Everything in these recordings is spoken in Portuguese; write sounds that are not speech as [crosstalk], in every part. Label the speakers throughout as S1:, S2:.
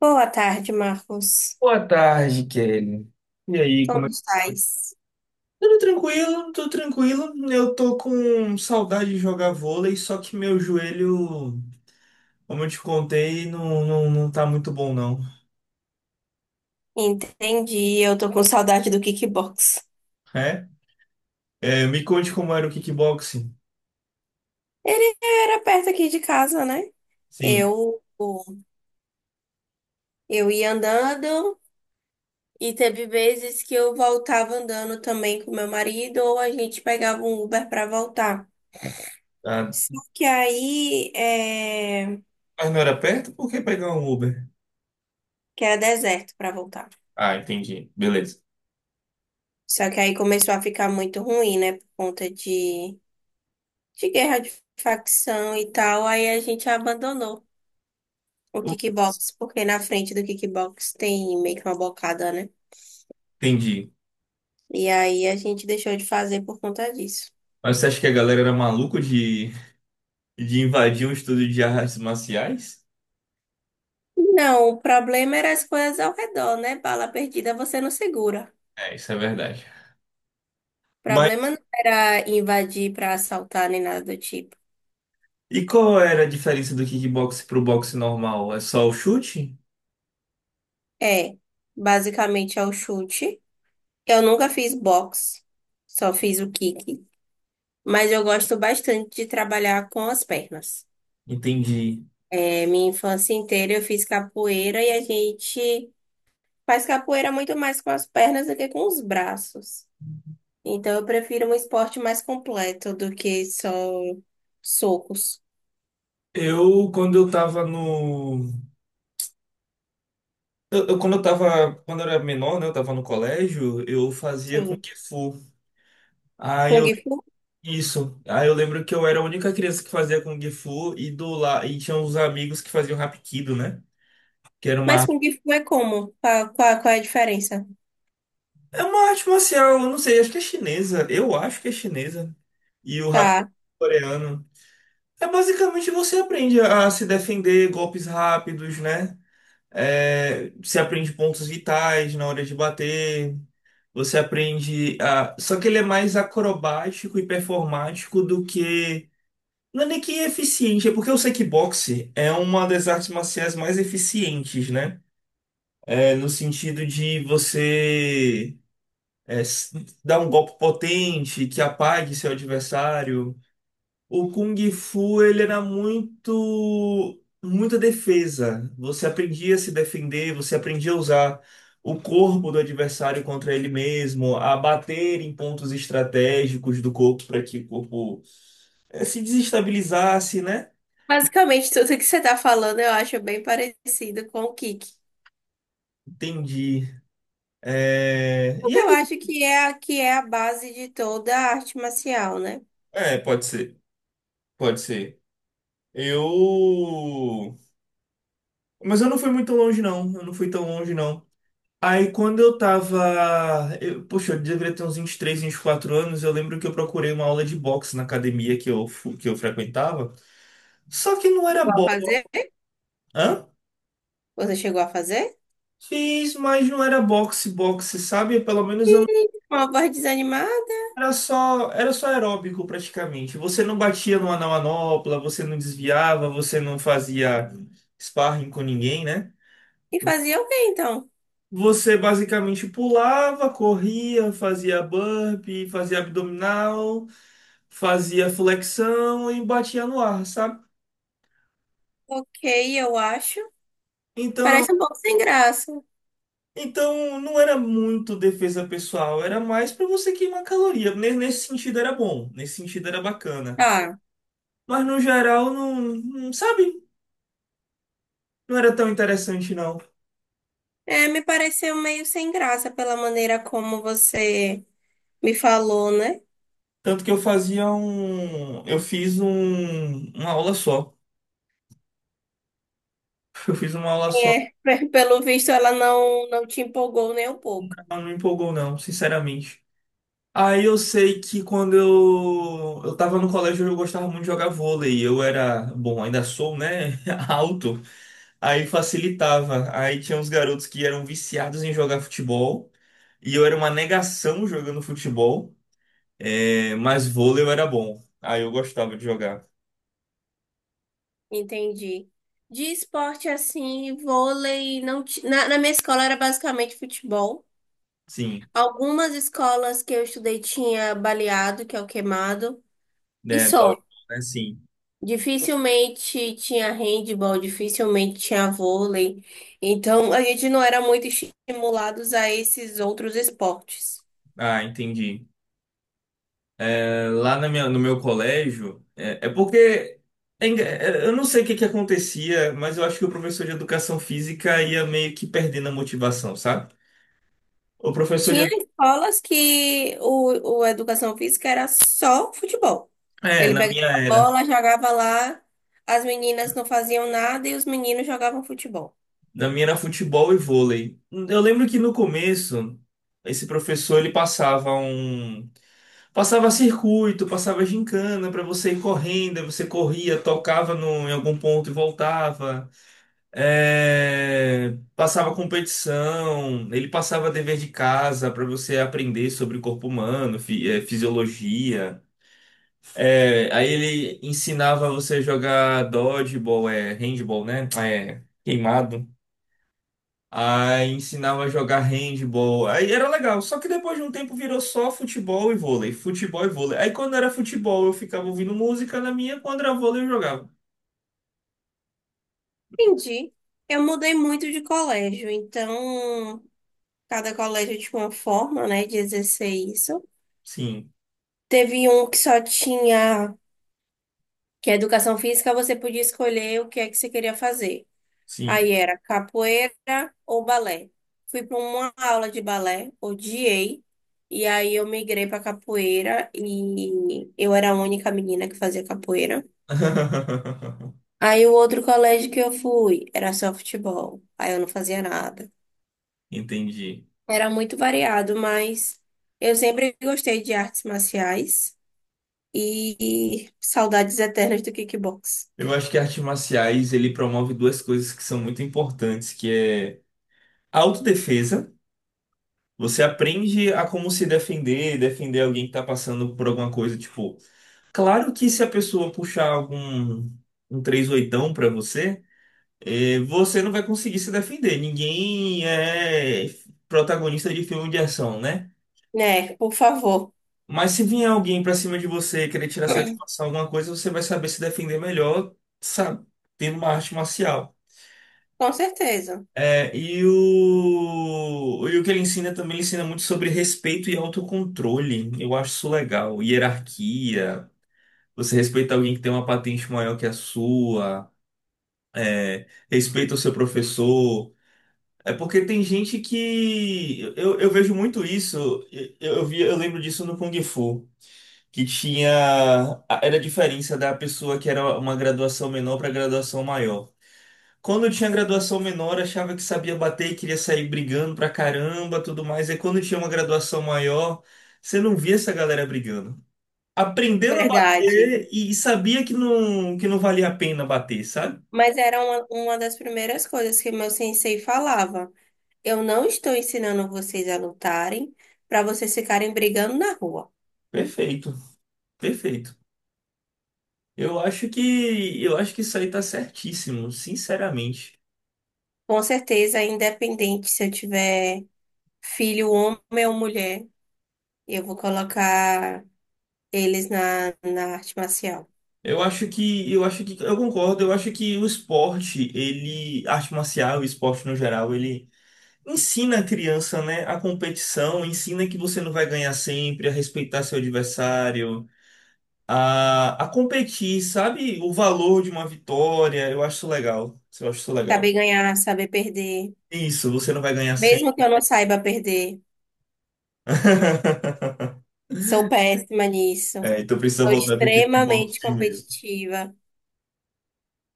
S1: Boa tarde, Marcos.
S2: Boa tarde, Kelly. E aí, como
S1: Como
S2: é?
S1: estás?
S2: Tudo tranquilo, tudo tranquilo. Eu tô com saudade de jogar vôlei, só que meu joelho, como eu te contei, não tá muito bom, não.
S1: Entendi, eu tô com saudade do kickbox.
S2: É? É, me conte como era o kickboxing.
S1: Ele era perto aqui de casa, né?
S2: Sim.
S1: Eu, eu ia andando e teve vezes que eu voltava andando também com meu marido ou a gente pegava um Uber pra voltar.
S2: Ah,
S1: Só que aí,
S2: mas não era perto? Por que pegar um Uber?
S1: que era deserto pra voltar.
S2: Ah, entendi. Beleza.
S1: Só que aí começou a ficar muito ruim, né? Por conta de guerra de facção e tal, aí a gente abandonou o
S2: Eu.
S1: kickbox, porque na frente do kickbox tem meio que uma bocada, né?
S2: Entendi.
S1: E aí a gente deixou de fazer por conta disso.
S2: Mas você acha que a galera era maluca de invadir um estúdio de artes marciais?
S1: Não, o problema era as coisas ao redor, né? Bala perdida você não segura.
S2: É, isso é verdade.
S1: O
S2: Mas.
S1: problema não era invadir pra assaltar nem nada do tipo.
S2: E qual era a diferença do kickbox pro boxe normal? É só o chute?
S1: É, basicamente é o chute. Eu nunca fiz boxe, só fiz o kick. Mas eu gosto bastante de trabalhar com as pernas.
S2: Entendi.
S1: É, minha infância inteira eu fiz capoeira e a gente faz capoeira muito mais com as pernas do que com os braços. Então eu prefiro um esporte mais completo do que só socos.
S2: Eu, quando eu tava no. Eu- quando eu tava. Quando eu era menor, né? Eu tava no colégio, eu fazia Kung
S1: Sim.
S2: Fu. Aí
S1: Kung
S2: eu.
S1: Fu?
S2: Isso. Aí eu lembro que eu era a única criança que fazia Kung Fu e do lá. E tinha uns amigos que faziam Hapkido, né? Que era
S1: Mas
S2: uma.
S1: Kung Fu é como? Qual é a diferença?
S2: É uma arte marcial, eu não sei, acho que é chinesa. Eu acho que é chinesa. E o Hapkido
S1: Tá.
S2: é coreano. É basicamente você aprende a se defender golpes rápidos, né? É, você aprende pontos vitais na hora de bater. Você aprende a. Só que ele é mais acrobático e performático do que. Não é nem que eficiente, é porque o kickboxing é uma das artes marciais mais eficientes, né? É, no sentido de é, s- dar um golpe potente que apague seu adversário. O Kung Fu, ele era muito, muita defesa. Você aprendia a se defender, você aprendia a usar o corpo do adversário contra ele mesmo, a bater em pontos estratégicos do corpo para que o corpo se desestabilizasse, né?
S1: Basicamente, tudo que você tá falando eu acho bem parecido com o kick.
S2: Entendi. E
S1: Porque eu
S2: aí?
S1: acho que é que é a base de toda a arte marcial, né?
S2: É, pode ser, pode ser. Eu. Mas eu não fui muito longe, não. Eu não fui tão longe, não. Aí quando eu tava. Eu deveria ter uns 23, quatro anos. Eu lembro que eu procurei uma aula de boxe na academia que que eu frequentava. Só que não era
S1: Vai
S2: boxe.
S1: fazer?
S2: Hã?
S1: Você chegou a fazer?
S2: Fiz, mas não era boxe, boxe, sabe? Pelo menos eu não.
S1: Ih, uma voz desanimada?
S2: Era só aeróbico praticamente. Você não batia numa na manopla, você não desviava, você não fazia sparring com ninguém, né?
S1: E fazia o quê, então?
S2: Você basicamente pulava, corria, fazia burpee, fazia abdominal, fazia flexão e batia no ar, sabe?
S1: Ok, eu acho.
S2: Então,
S1: Parece um pouco sem graça.
S2: então não era muito defesa pessoal, era mais para você queimar caloria. Ne- Nesse sentido era bom, nesse sentido era bacana.
S1: Ah,
S2: Mas no geral não, não- sabe? Não era tão interessante não.
S1: é, me pareceu meio sem graça pela maneira como você me falou, né?
S2: Tanto que eu fazia um, eu fiz um, uma aula só. [laughs] Eu fiz uma aula só,
S1: É, [laughs] pelo visto ela não, não te empolgou nem um pouco.
S2: mas não me empolgou não, sinceramente. Aí eu sei que eu tava no colégio eu gostava muito de jogar vôlei. Eu era, bom, ainda sou, né? [laughs] Alto. Aí facilitava. Aí tinha uns garotos que eram viciados em jogar futebol. E eu era uma negação jogando futebol. É, mas vôlei eu era bom. Aí eu gostava de jogar.
S1: Entendi. De esporte assim, vôlei, não ti- na, na minha escola era basicamente futebol.
S2: Sim.
S1: Algumas escolas que eu estudei tinha baleado, que é o queimado, e
S2: Né? Dodgeball,
S1: só.
S2: né? Sim.
S1: Dificilmente tinha handball, dificilmente tinha vôlei. Então, a gente não era muito estimulados a esses outros esportes.
S2: Ah, entendi. No meu colégio, é porque eu não sei o que que acontecia, mas eu acho que o professor de educação física ia meio que perdendo a motivação, sabe? O professor de,
S1: Tinha escolas que o educação física era só futebol.
S2: é,
S1: Ele pegava a bola, jogava lá, as meninas não faziam nada e os meninos jogavam futebol.
S2: na minha era futebol e vôlei. Eu lembro que no começo esse professor ele passava um passava circuito, passava gincana para você ir correndo, aí você corria, tocava no, em algum ponto e voltava. É, passava competição, ele passava dever de casa para você aprender sobre o corpo humano, fisiologia. É, aí ele ensinava você a jogar dodgeball, é, handball, né? Ah, é, queimado. Aí ensinava a jogar handball. Aí era legal, só que depois de um tempo virou só futebol e vôlei, futebol e vôlei. Aí quando era futebol eu ficava ouvindo música na minha, quando era vôlei eu jogava.
S1: Entendi. Eu mudei muito de colégio, então cada colégio tinha uma forma, né, de exercer isso.
S2: Sim,
S1: Teve um que só tinha que a educação física você podia escolher o que é que você queria fazer.
S2: sim.
S1: Aí era capoeira ou balé. Fui para uma aula de balé, odiei, e aí eu migrei para capoeira e eu era a única menina que fazia capoeira.
S2: [laughs]
S1: Aí o outro colégio que eu fui era só futebol, aí eu não fazia nada.
S2: Entendi.
S1: Era muito variado, mas eu sempre gostei de artes marciais e saudades eternas do kickbox.
S2: Eu acho que artes marciais ele promove duas coisas que são muito importantes, que é a autodefesa. Você aprende a como se defender, defender alguém que está passando por alguma coisa, tipo, claro que se a pessoa puxar algum um três oitão para você, você não vai conseguir se defender. Ninguém é protagonista de filme de ação, né?
S1: Né, por favor.
S2: Mas se vier alguém para cima de você querer tirar satisfação alguma coisa, você vai saber se defender melhor, sabe, tendo uma arte marcial.
S1: Com certeza,
S2: É, e o que ele ensina também, ele ensina muito sobre respeito e autocontrole. Eu acho isso legal. Hierarquia, você respeita alguém que tem uma patente maior que a sua, é, respeita o seu professor. É porque tem gente que. Eu vejo muito isso, eu lembro disso no Kung Fu, que tinha. Era a diferença da pessoa que era uma graduação menor para graduação maior. Quando eu tinha graduação menor, achava que sabia bater e queria sair brigando pra caramba, tudo mais. E quando tinha uma graduação maior, você não via essa galera brigando. Aprendeu a
S1: verdade.
S2: bater e sabia que não valia a pena bater, sabe?
S1: Mas era uma das primeiras coisas que meu sensei falava. Eu não estou ensinando vocês a lutarem para vocês ficarem brigando na rua.
S2: Perfeito, perfeito. Eu acho que isso aí tá certíssimo, sinceramente.
S1: Com certeza, independente se eu tiver filho, homem ou mulher, eu vou colocar eles na arte marcial.
S2: Eu acho que eu concordo, eu acho que o esporte, ele, arte marcial, o esporte no geral, ele ensina a criança, né, a competição, ensina que você não vai ganhar sempre, a respeitar seu adversário, a competir, sabe? O valor de uma vitória. Eu acho isso legal. Eu acho isso
S1: Saber
S2: legal.
S1: ganhar, saber perder.
S2: Isso, você não vai ganhar
S1: Mesmo que
S2: sempre.
S1: eu não saiba perder,
S2: [laughs]
S1: sou péssima nisso.
S2: É, então precisa
S1: Sou
S2: voltar para
S1: extremamente
S2: kickboxing mesmo.
S1: competitiva.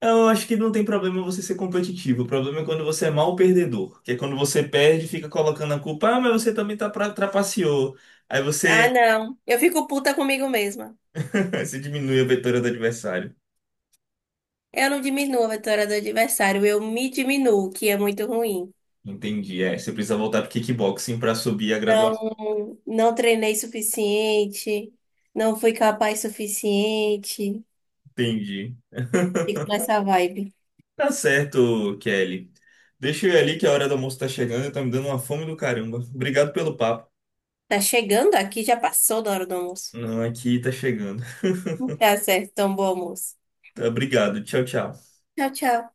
S2: Eu acho que não tem problema você ser competitivo. O problema é quando você é mal perdedor, que é quando você perde, e fica colocando a culpa. Ah, mas você também tá pra, trapaceou. Aí você,
S1: Ah, não. Eu fico puta comigo mesma.
S2: [laughs] você diminui a vitória do adversário.
S1: Eu não diminuo a vitória do adversário, eu me diminuo, que é muito ruim.
S2: Entendi. É, você precisa voltar pro kickboxing para subir a graduação.
S1: Não, não treinei suficiente, não fui capaz suficiente.
S2: Entendi.
S1: Fico nessa vibe.
S2: Tá certo, Kelly. Deixa eu ir ali que a hora do almoço tá chegando e tá me dando uma fome do caramba. Obrigado pelo papo.
S1: Tá chegando aqui, já passou da hora do almoço.
S2: Não, aqui tá chegando. [laughs]
S1: Tá certo, então bom almoço.
S2: Tá, obrigado. Tchau, tchau.
S1: Tchau, tchau.